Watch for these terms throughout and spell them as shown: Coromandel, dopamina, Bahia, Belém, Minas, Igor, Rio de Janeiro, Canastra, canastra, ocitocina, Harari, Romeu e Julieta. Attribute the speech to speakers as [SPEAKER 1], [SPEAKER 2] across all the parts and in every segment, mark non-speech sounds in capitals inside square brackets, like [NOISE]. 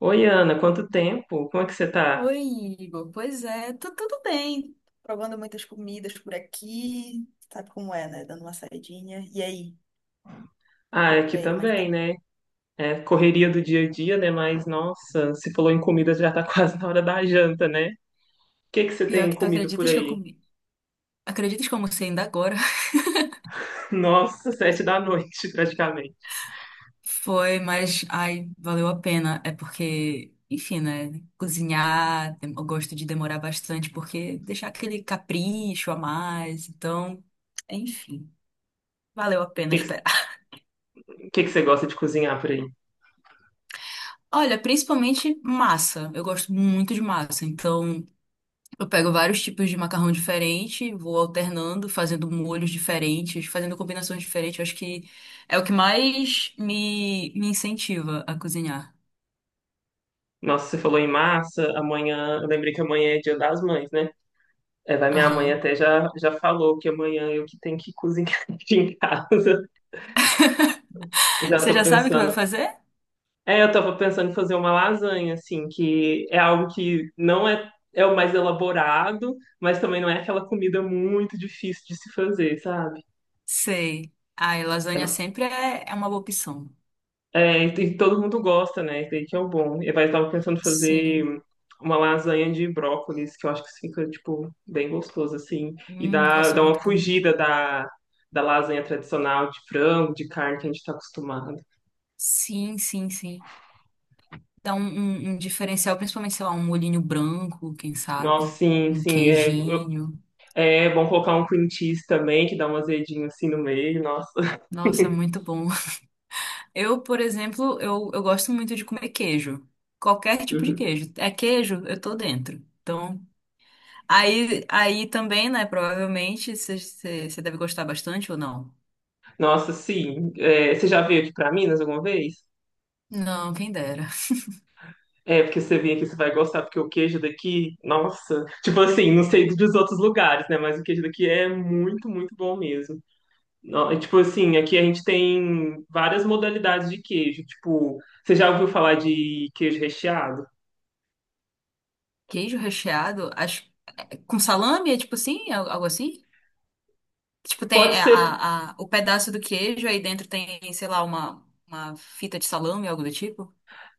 [SPEAKER 1] Oi, Ana, quanto tempo? Como é que você tá?
[SPEAKER 2] Oi, Igor. Pois é, tá tudo bem. Provando muitas comidas por aqui. Sabe como é, né? Dando uma saidinha. E aí,
[SPEAKER 1] Ah, é
[SPEAKER 2] por
[SPEAKER 1] aqui
[SPEAKER 2] aí, como é que
[SPEAKER 1] também,
[SPEAKER 2] tá?
[SPEAKER 1] né? É correria do dia a dia, né? Mas, nossa, se falou em comida, já tá [LAUGHS] quase na hora da janta, né? o que que você
[SPEAKER 2] Pior
[SPEAKER 1] tem
[SPEAKER 2] que tu
[SPEAKER 1] comido por
[SPEAKER 2] acreditas que eu
[SPEAKER 1] aí?
[SPEAKER 2] comi. Acreditas que eu almocei ainda agora? [LAUGHS]
[SPEAKER 1] Nossa, [LAUGHS] sete da noite, praticamente.
[SPEAKER 2] Foi, mas ai, valeu a pena. É porque, enfim, né? Cozinhar, eu gosto de demorar bastante, porque deixar aquele capricho a mais. Então, enfim, valeu a
[SPEAKER 1] O
[SPEAKER 2] pena
[SPEAKER 1] que que,
[SPEAKER 2] esperar.
[SPEAKER 1] o que que você gosta de cozinhar por aí?
[SPEAKER 2] Olha, principalmente massa. Eu gosto muito de massa. Então, eu pego vários tipos de macarrão diferente, vou alternando, fazendo molhos diferentes, fazendo combinações diferentes. Eu acho que é o que mais me incentiva a cozinhar.
[SPEAKER 1] Nossa, você falou em massa, amanhã, eu lembrei que amanhã é Dia das Mães, né? É, vai minha mãe
[SPEAKER 2] Aham.
[SPEAKER 1] até já falou que amanhã eu que tenho que cozinhar [LAUGHS] aqui em casa. Já
[SPEAKER 2] Você
[SPEAKER 1] tô
[SPEAKER 2] já sabe o que vai
[SPEAKER 1] pensando.
[SPEAKER 2] fazer?
[SPEAKER 1] É, eu tava pensando em fazer uma lasanha, assim, que é algo que não é, é o mais elaborado, mas também não é aquela comida muito difícil de se fazer, sabe?
[SPEAKER 2] Sei. Ai,
[SPEAKER 1] É,
[SPEAKER 2] lasanha sempre é uma boa opção.
[SPEAKER 1] e todo mundo gosta, né? Isso daí que é o bom. Eu tava pensando em fazer
[SPEAKER 2] Sim.
[SPEAKER 1] uma lasanha de brócolis, que eu acho que fica, tipo, bem gostoso, assim. E dá,
[SPEAKER 2] Nossa,
[SPEAKER 1] dá uma
[SPEAKER 2] muito bom.
[SPEAKER 1] fugida da lasanha tradicional de frango, de carne que a gente tá acostumado.
[SPEAKER 2] Sim, sim, sim. Dá um diferencial, principalmente, sei lá, um molhinho branco, quem
[SPEAKER 1] Nossa,
[SPEAKER 2] sabe?
[SPEAKER 1] sim,
[SPEAKER 2] Um
[SPEAKER 1] sim. É,
[SPEAKER 2] queijinho.
[SPEAKER 1] é bom colocar um cream cheese também, que dá um azedinho assim no meio. Nossa, [LAUGHS]
[SPEAKER 2] Nossa, muito bom. Eu, por exemplo, eu gosto muito de comer queijo. Qualquer tipo de queijo. É queijo, eu tô dentro. Então, aí também, né? Provavelmente você deve gostar bastante ou não?
[SPEAKER 1] nossa, sim. É, você já veio aqui pra Minas alguma vez?
[SPEAKER 2] Não, quem dera.
[SPEAKER 1] É, porque você vem aqui, você vai gostar, porque o queijo daqui, nossa. Tipo assim, não sei dos outros lugares, né? Mas o queijo daqui é muito, muito bom mesmo. Tipo assim, aqui a gente tem várias modalidades de queijo. Tipo, você já ouviu falar de queijo recheado?
[SPEAKER 2] Queijo recheado, acho, com salame, é tipo assim, algo assim? Tipo, tem
[SPEAKER 1] Pode
[SPEAKER 2] é,
[SPEAKER 1] ser.
[SPEAKER 2] o pedaço do queijo, aí dentro tem, sei lá, uma fita de salame, algo do tipo?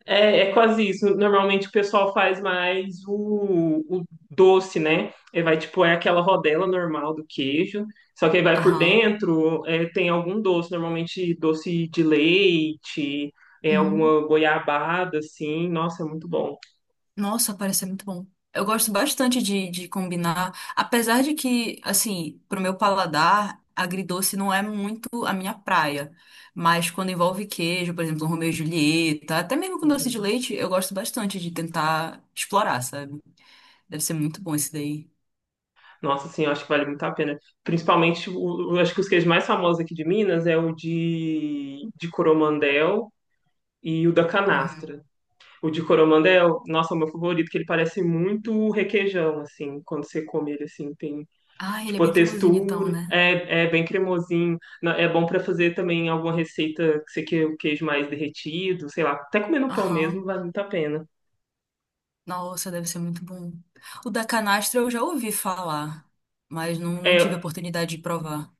[SPEAKER 1] É, é quase isso. Normalmente o pessoal faz mais o doce, né? Ele vai, tipo, é aquela rodela normal do queijo, só que aí vai por
[SPEAKER 2] Aham.
[SPEAKER 1] dentro, é, tem algum doce, normalmente doce de leite, é, alguma goiabada, assim. Nossa, é muito bom.
[SPEAKER 2] Nossa, parece ser muito bom. Eu gosto bastante de combinar, apesar de que, assim, pro meu paladar, agridoce não é muito a minha praia. Mas quando envolve queijo, por exemplo, um Romeu e Julieta, até mesmo com doce de
[SPEAKER 1] Uhum.
[SPEAKER 2] leite, eu gosto bastante de tentar explorar, sabe? Deve ser muito bom esse daí.
[SPEAKER 1] Nossa, assim, eu acho que vale muito a pena. Principalmente, tipo, o, eu acho que os queijos mais famosos aqui de Minas é o de Coromandel e o da
[SPEAKER 2] Uhum.
[SPEAKER 1] canastra. O de Coromandel, é, nossa, é o meu favorito, que ele parece muito requeijão, assim, quando você come ele, assim, tem,
[SPEAKER 2] Ah, ele é
[SPEAKER 1] tipo, a
[SPEAKER 2] bem cremosinho então,
[SPEAKER 1] textura,
[SPEAKER 2] né?
[SPEAKER 1] é, é bem cremosinho. É bom para fazer também alguma receita que você quer o queijo mais derretido, sei lá, até comer no pão mesmo
[SPEAKER 2] Aham.
[SPEAKER 1] vale muito a pena.
[SPEAKER 2] Nossa, deve ser muito bom. O da canastra eu já ouvi falar, mas não tive a
[SPEAKER 1] É,
[SPEAKER 2] oportunidade de provar.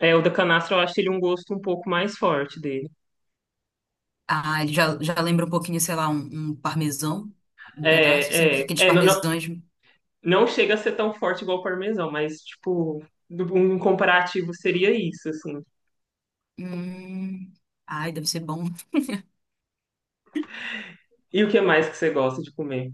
[SPEAKER 1] é, o da canastra eu acho ele um gosto um pouco mais forte dele.
[SPEAKER 2] Ah, ele já lembra um pouquinho, sei lá, um parmesão, um pedaço, assim,
[SPEAKER 1] É,
[SPEAKER 2] porque
[SPEAKER 1] é,
[SPEAKER 2] aqueles
[SPEAKER 1] é, não, não,
[SPEAKER 2] parmesões.
[SPEAKER 1] não chega a ser tão forte igual o parmesão, mas, tipo, um comparativo seria isso, assim.
[SPEAKER 2] Hum, ai, deve ser bom.
[SPEAKER 1] E o que mais que você gosta de comer?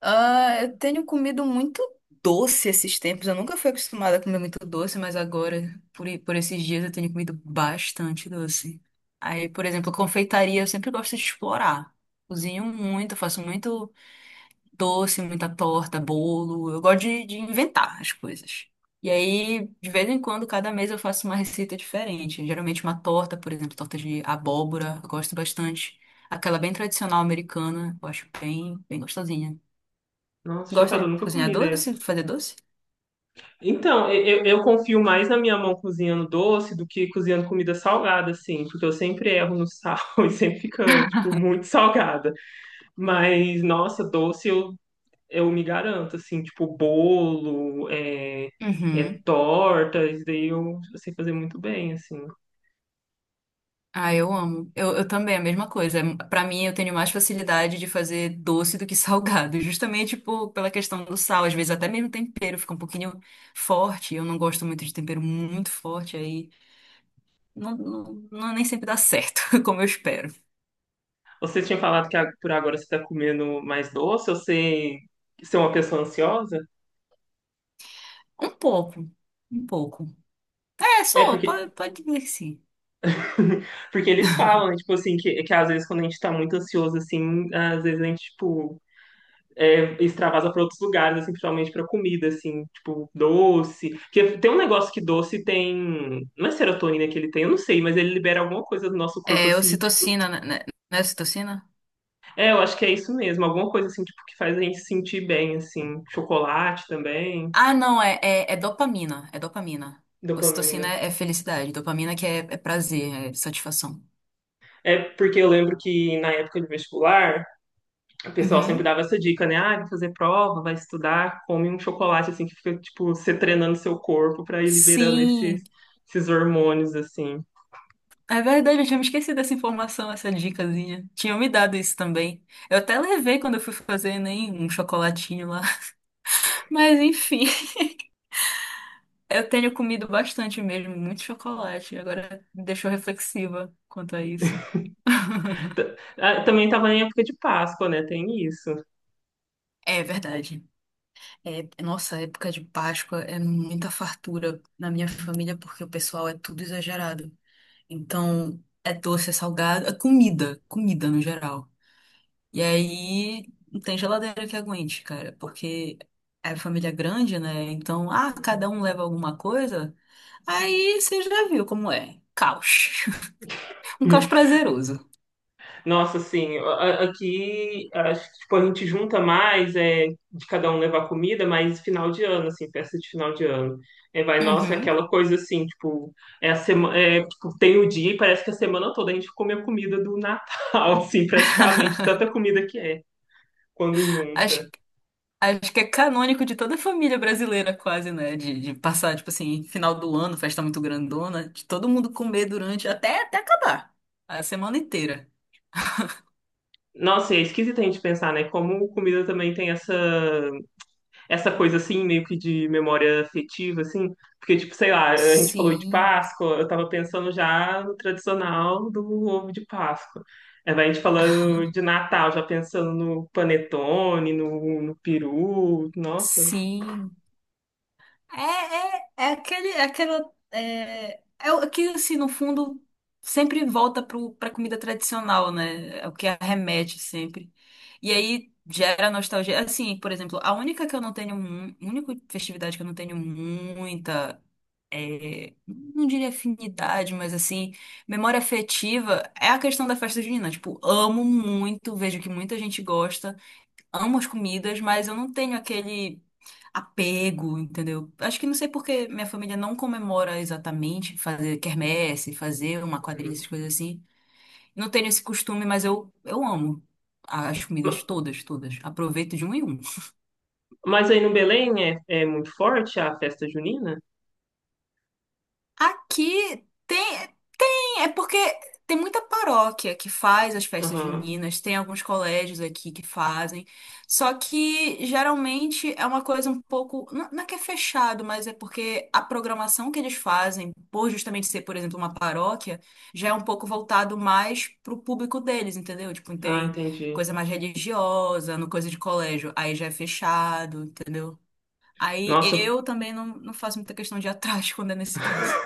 [SPEAKER 2] Ah, eu tenho comido muito doce esses tempos. Eu nunca fui acostumada a comer muito doce, mas agora, por esses dias, eu tenho comido bastante doce. Aí, por exemplo, confeitaria, eu sempre gosto de explorar. Cozinho muito, faço muito doce, muita torta, bolo. Eu gosto de inventar as coisas. E aí, de vez em quando, cada mês eu faço uma receita diferente. Geralmente uma torta, por exemplo, torta de abóbora, eu gosto bastante. Aquela bem tradicional americana, eu acho bem gostosinha.
[SPEAKER 1] Nossa,
[SPEAKER 2] Gosta
[SPEAKER 1] chocado, eu
[SPEAKER 2] de
[SPEAKER 1] nunca
[SPEAKER 2] cozinhar
[SPEAKER 1] comi
[SPEAKER 2] doce,
[SPEAKER 1] dessa.
[SPEAKER 2] fazer doce?
[SPEAKER 1] Então, eu confio mais na minha mão cozinhando doce do que cozinhando comida salgada, assim, porque eu sempre erro no sal [LAUGHS] e sempre fica, tipo, muito salgada. Mas, nossa, doce eu me garanto, assim, tipo, bolo, é, é
[SPEAKER 2] Uhum.
[SPEAKER 1] torta, isso daí eu sei fazer muito bem, assim.
[SPEAKER 2] Ah, eu amo. Eu também, a mesma coisa. Pra mim, eu tenho mais facilidade de fazer doce do que [LAUGHS] salgado, justamente pela questão do sal. Às vezes, até mesmo tempero fica um pouquinho forte. Eu não gosto muito de tempero muito forte, aí nem sempre dá certo, [LAUGHS] como eu espero.
[SPEAKER 1] Você tinha falado que por agora você tá comendo mais doce, você, você é uma pessoa ansiosa?
[SPEAKER 2] Um pouco, um pouco. É,
[SPEAKER 1] É,
[SPEAKER 2] sou,
[SPEAKER 1] porque
[SPEAKER 2] pode dizer que sim.
[SPEAKER 1] [LAUGHS] porque eles falam, né, tipo assim, que às vezes quando a gente tá muito ansioso, assim, às vezes a gente, tipo, é, extravasa para outros lugares, assim, principalmente para comida, assim, tipo, doce. Porque tem um negócio que doce tem. Não é serotonina que ele tem, eu não sei, mas ele libera alguma coisa do nosso corpo,
[SPEAKER 2] É,
[SPEAKER 1] assim, tipo.
[SPEAKER 2] ocitocina, né? Não é ocitocina?
[SPEAKER 1] É, eu acho que é isso mesmo, alguma coisa, assim, tipo, que faz a gente se sentir bem, assim. Chocolate também.
[SPEAKER 2] Ah, não, é dopamina. É dopamina. Ocitocina
[SPEAKER 1] Dopamina.
[SPEAKER 2] é felicidade, dopamina que é prazer, é satisfação.
[SPEAKER 1] É porque eu lembro que na época de vestibular, o pessoal sempre
[SPEAKER 2] Uhum.
[SPEAKER 1] dava essa dica, né? Ah, vai fazer prova, vai estudar, come um chocolate, assim, que fica, tipo, você treinando seu corpo para ir liberando esses,
[SPEAKER 2] Sim,
[SPEAKER 1] esses hormônios, assim.
[SPEAKER 2] é verdade, eu tinha me esquecido dessa informação, essa dicasinha. Tinham me dado isso também. Eu até levei quando eu fui fazer nem um chocolatinho lá. [LAUGHS] Mas enfim, eu tenho comido bastante mesmo, muito chocolate. Agora me deixou reflexiva quanto a isso. [LAUGHS]
[SPEAKER 1] Ah, também estava em época de Páscoa, né? Tem isso.
[SPEAKER 2] É verdade. É, nossa, época de Páscoa é muita fartura na minha família porque o pessoal é tudo exagerado. Então, é doce, é salgado, é comida, comida no geral. E aí não tem geladeira que aguente, cara, porque é família grande, né? Então, ah, cada um leva alguma coisa. Aí você já viu como é. Caos. [LAUGHS] Um caos prazeroso.
[SPEAKER 1] Nossa, assim, aqui acho que tipo, a gente junta mais é, de cada um levar comida, mas final de ano, assim, festa de final de ano. É, vai, nossa, é
[SPEAKER 2] Uhum.
[SPEAKER 1] aquela coisa assim, tipo, é a semana, é, tipo, tem o dia e parece que a semana toda a gente come a comida do Natal, [LAUGHS] assim, praticamente, tanta comida que é quando
[SPEAKER 2] Acho,
[SPEAKER 1] junta.
[SPEAKER 2] acho que é canônico de toda a família brasileira, quase, né? De passar, tipo assim, final do ano, festa muito grandona, de todo mundo comer durante até acabar a semana inteira.
[SPEAKER 1] Nossa, é esquisito a gente pensar, né? Como comida também tem essa coisa assim, meio que de memória afetiva, assim, porque, tipo, sei lá, a gente falou de
[SPEAKER 2] Sim,
[SPEAKER 1] Páscoa, eu tava pensando já no tradicional do ovo de Páscoa. Aí vai a gente falando de Natal, já pensando no panetone, no peru, nossa.
[SPEAKER 2] sim. É, é, é aquele, é aquela, é, é o que, assim, no fundo, sempre volta pra comida tradicional, né? É o que arremete sempre. E aí gera nostalgia. Assim, por exemplo, a única que eu não tenho, única festividade que eu não tenho muita, é, não diria afinidade, mas assim, memória afetiva é a questão da festa junina. Tipo, amo muito, vejo que muita gente gosta, amo as comidas, mas eu não tenho aquele apego, entendeu? Acho que não sei porque minha família não comemora exatamente fazer quermesse, fazer uma quadrilha, essas coisas assim. Não tenho esse costume, mas eu amo as comidas
[SPEAKER 1] Ma-
[SPEAKER 2] todas, todas. Aproveito de um em um.
[SPEAKER 1] Mas aí no Belém é, é muito forte a festa junina?
[SPEAKER 2] Aqui tem. É porque tem muita paróquia que faz as festas
[SPEAKER 1] Aham.
[SPEAKER 2] juninas, tem alguns colégios aqui que fazem, só que geralmente é uma coisa um pouco, não não é que é fechado, mas é porque a programação que eles fazem, por justamente ser, por exemplo, uma paróquia, já é um pouco voltado mais pro público deles, entendeu? Tipo,
[SPEAKER 1] Ah,
[SPEAKER 2] tem
[SPEAKER 1] entendi.
[SPEAKER 2] coisa mais religiosa, no coisa de colégio, aí já é fechado, entendeu? Aí
[SPEAKER 1] Nossa,
[SPEAKER 2] eu também não faço muita questão de ir atrás quando é nesse caso.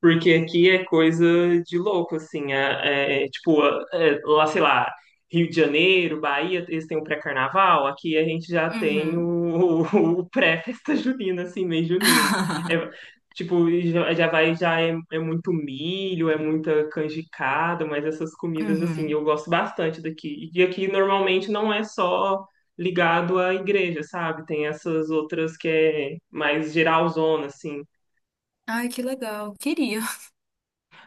[SPEAKER 1] porque aqui é coisa de louco, assim. É, é, tipo, é, lá, sei lá, Rio de Janeiro, Bahia, eles têm o pré-carnaval. Aqui a gente já tem
[SPEAKER 2] Uhum.
[SPEAKER 1] o, [LAUGHS] o pré-festa junina, assim, mês junino. É,
[SPEAKER 2] [LAUGHS]
[SPEAKER 1] tipo, já é muito milho, é muita canjicada, mas essas comidas, assim,
[SPEAKER 2] Uhum.
[SPEAKER 1] eu gosto bastante daqui. E aqui normalmente não é só ligado à igreja, sabe? Tem essas outras que é mais geralzona, assim.
[SPEAKER 2] Ai, que legal. Queria.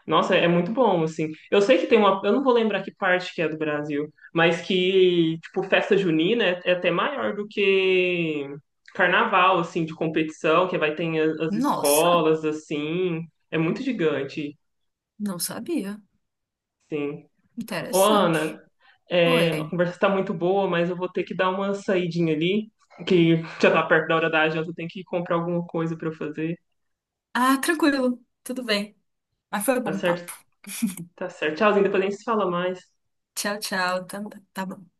[SPEAKER 1] Nossa, é muito bom, assim. Eu sei que tem uma. Eu não vou lembrar que parte que é do Brasil, mas que, tipo, festa junina é, é até maior do que carnaval, assim, de competição, que vai ter as,
[SPEAKER 2] Nossa,
[SPEAKER 1] escolas, assim. É muito gigante,
[SPEAKER 2] não sabia.
[SPEAKER 1] sim. Ô,
[SPEAKER 2] Interessante.
[SPEAKER 1] Ana, é, a
[SPEAKER 2] Oi.
[SPEAKER 1] conversa tá muito boa, mas eu vou ter que dar uma saidinha ali, que já tá perto da hora da janta, eu tenho que comprar alguma coisa pra eu fazer.
[SPEAKER 2] Ah, tranquilo. Tudo bem. Mas foi
[SPEAKER 1] Tá
[SPEAKER 2] bom
[SPEAKER 1] certo?
[SPEAKER 2] papo.
[SPEAKER 1] Tá certo. Tchauzinho, depois a gente se fala mais.
[SPEAKER 2] Tchau, tchau. Tá, tá bom.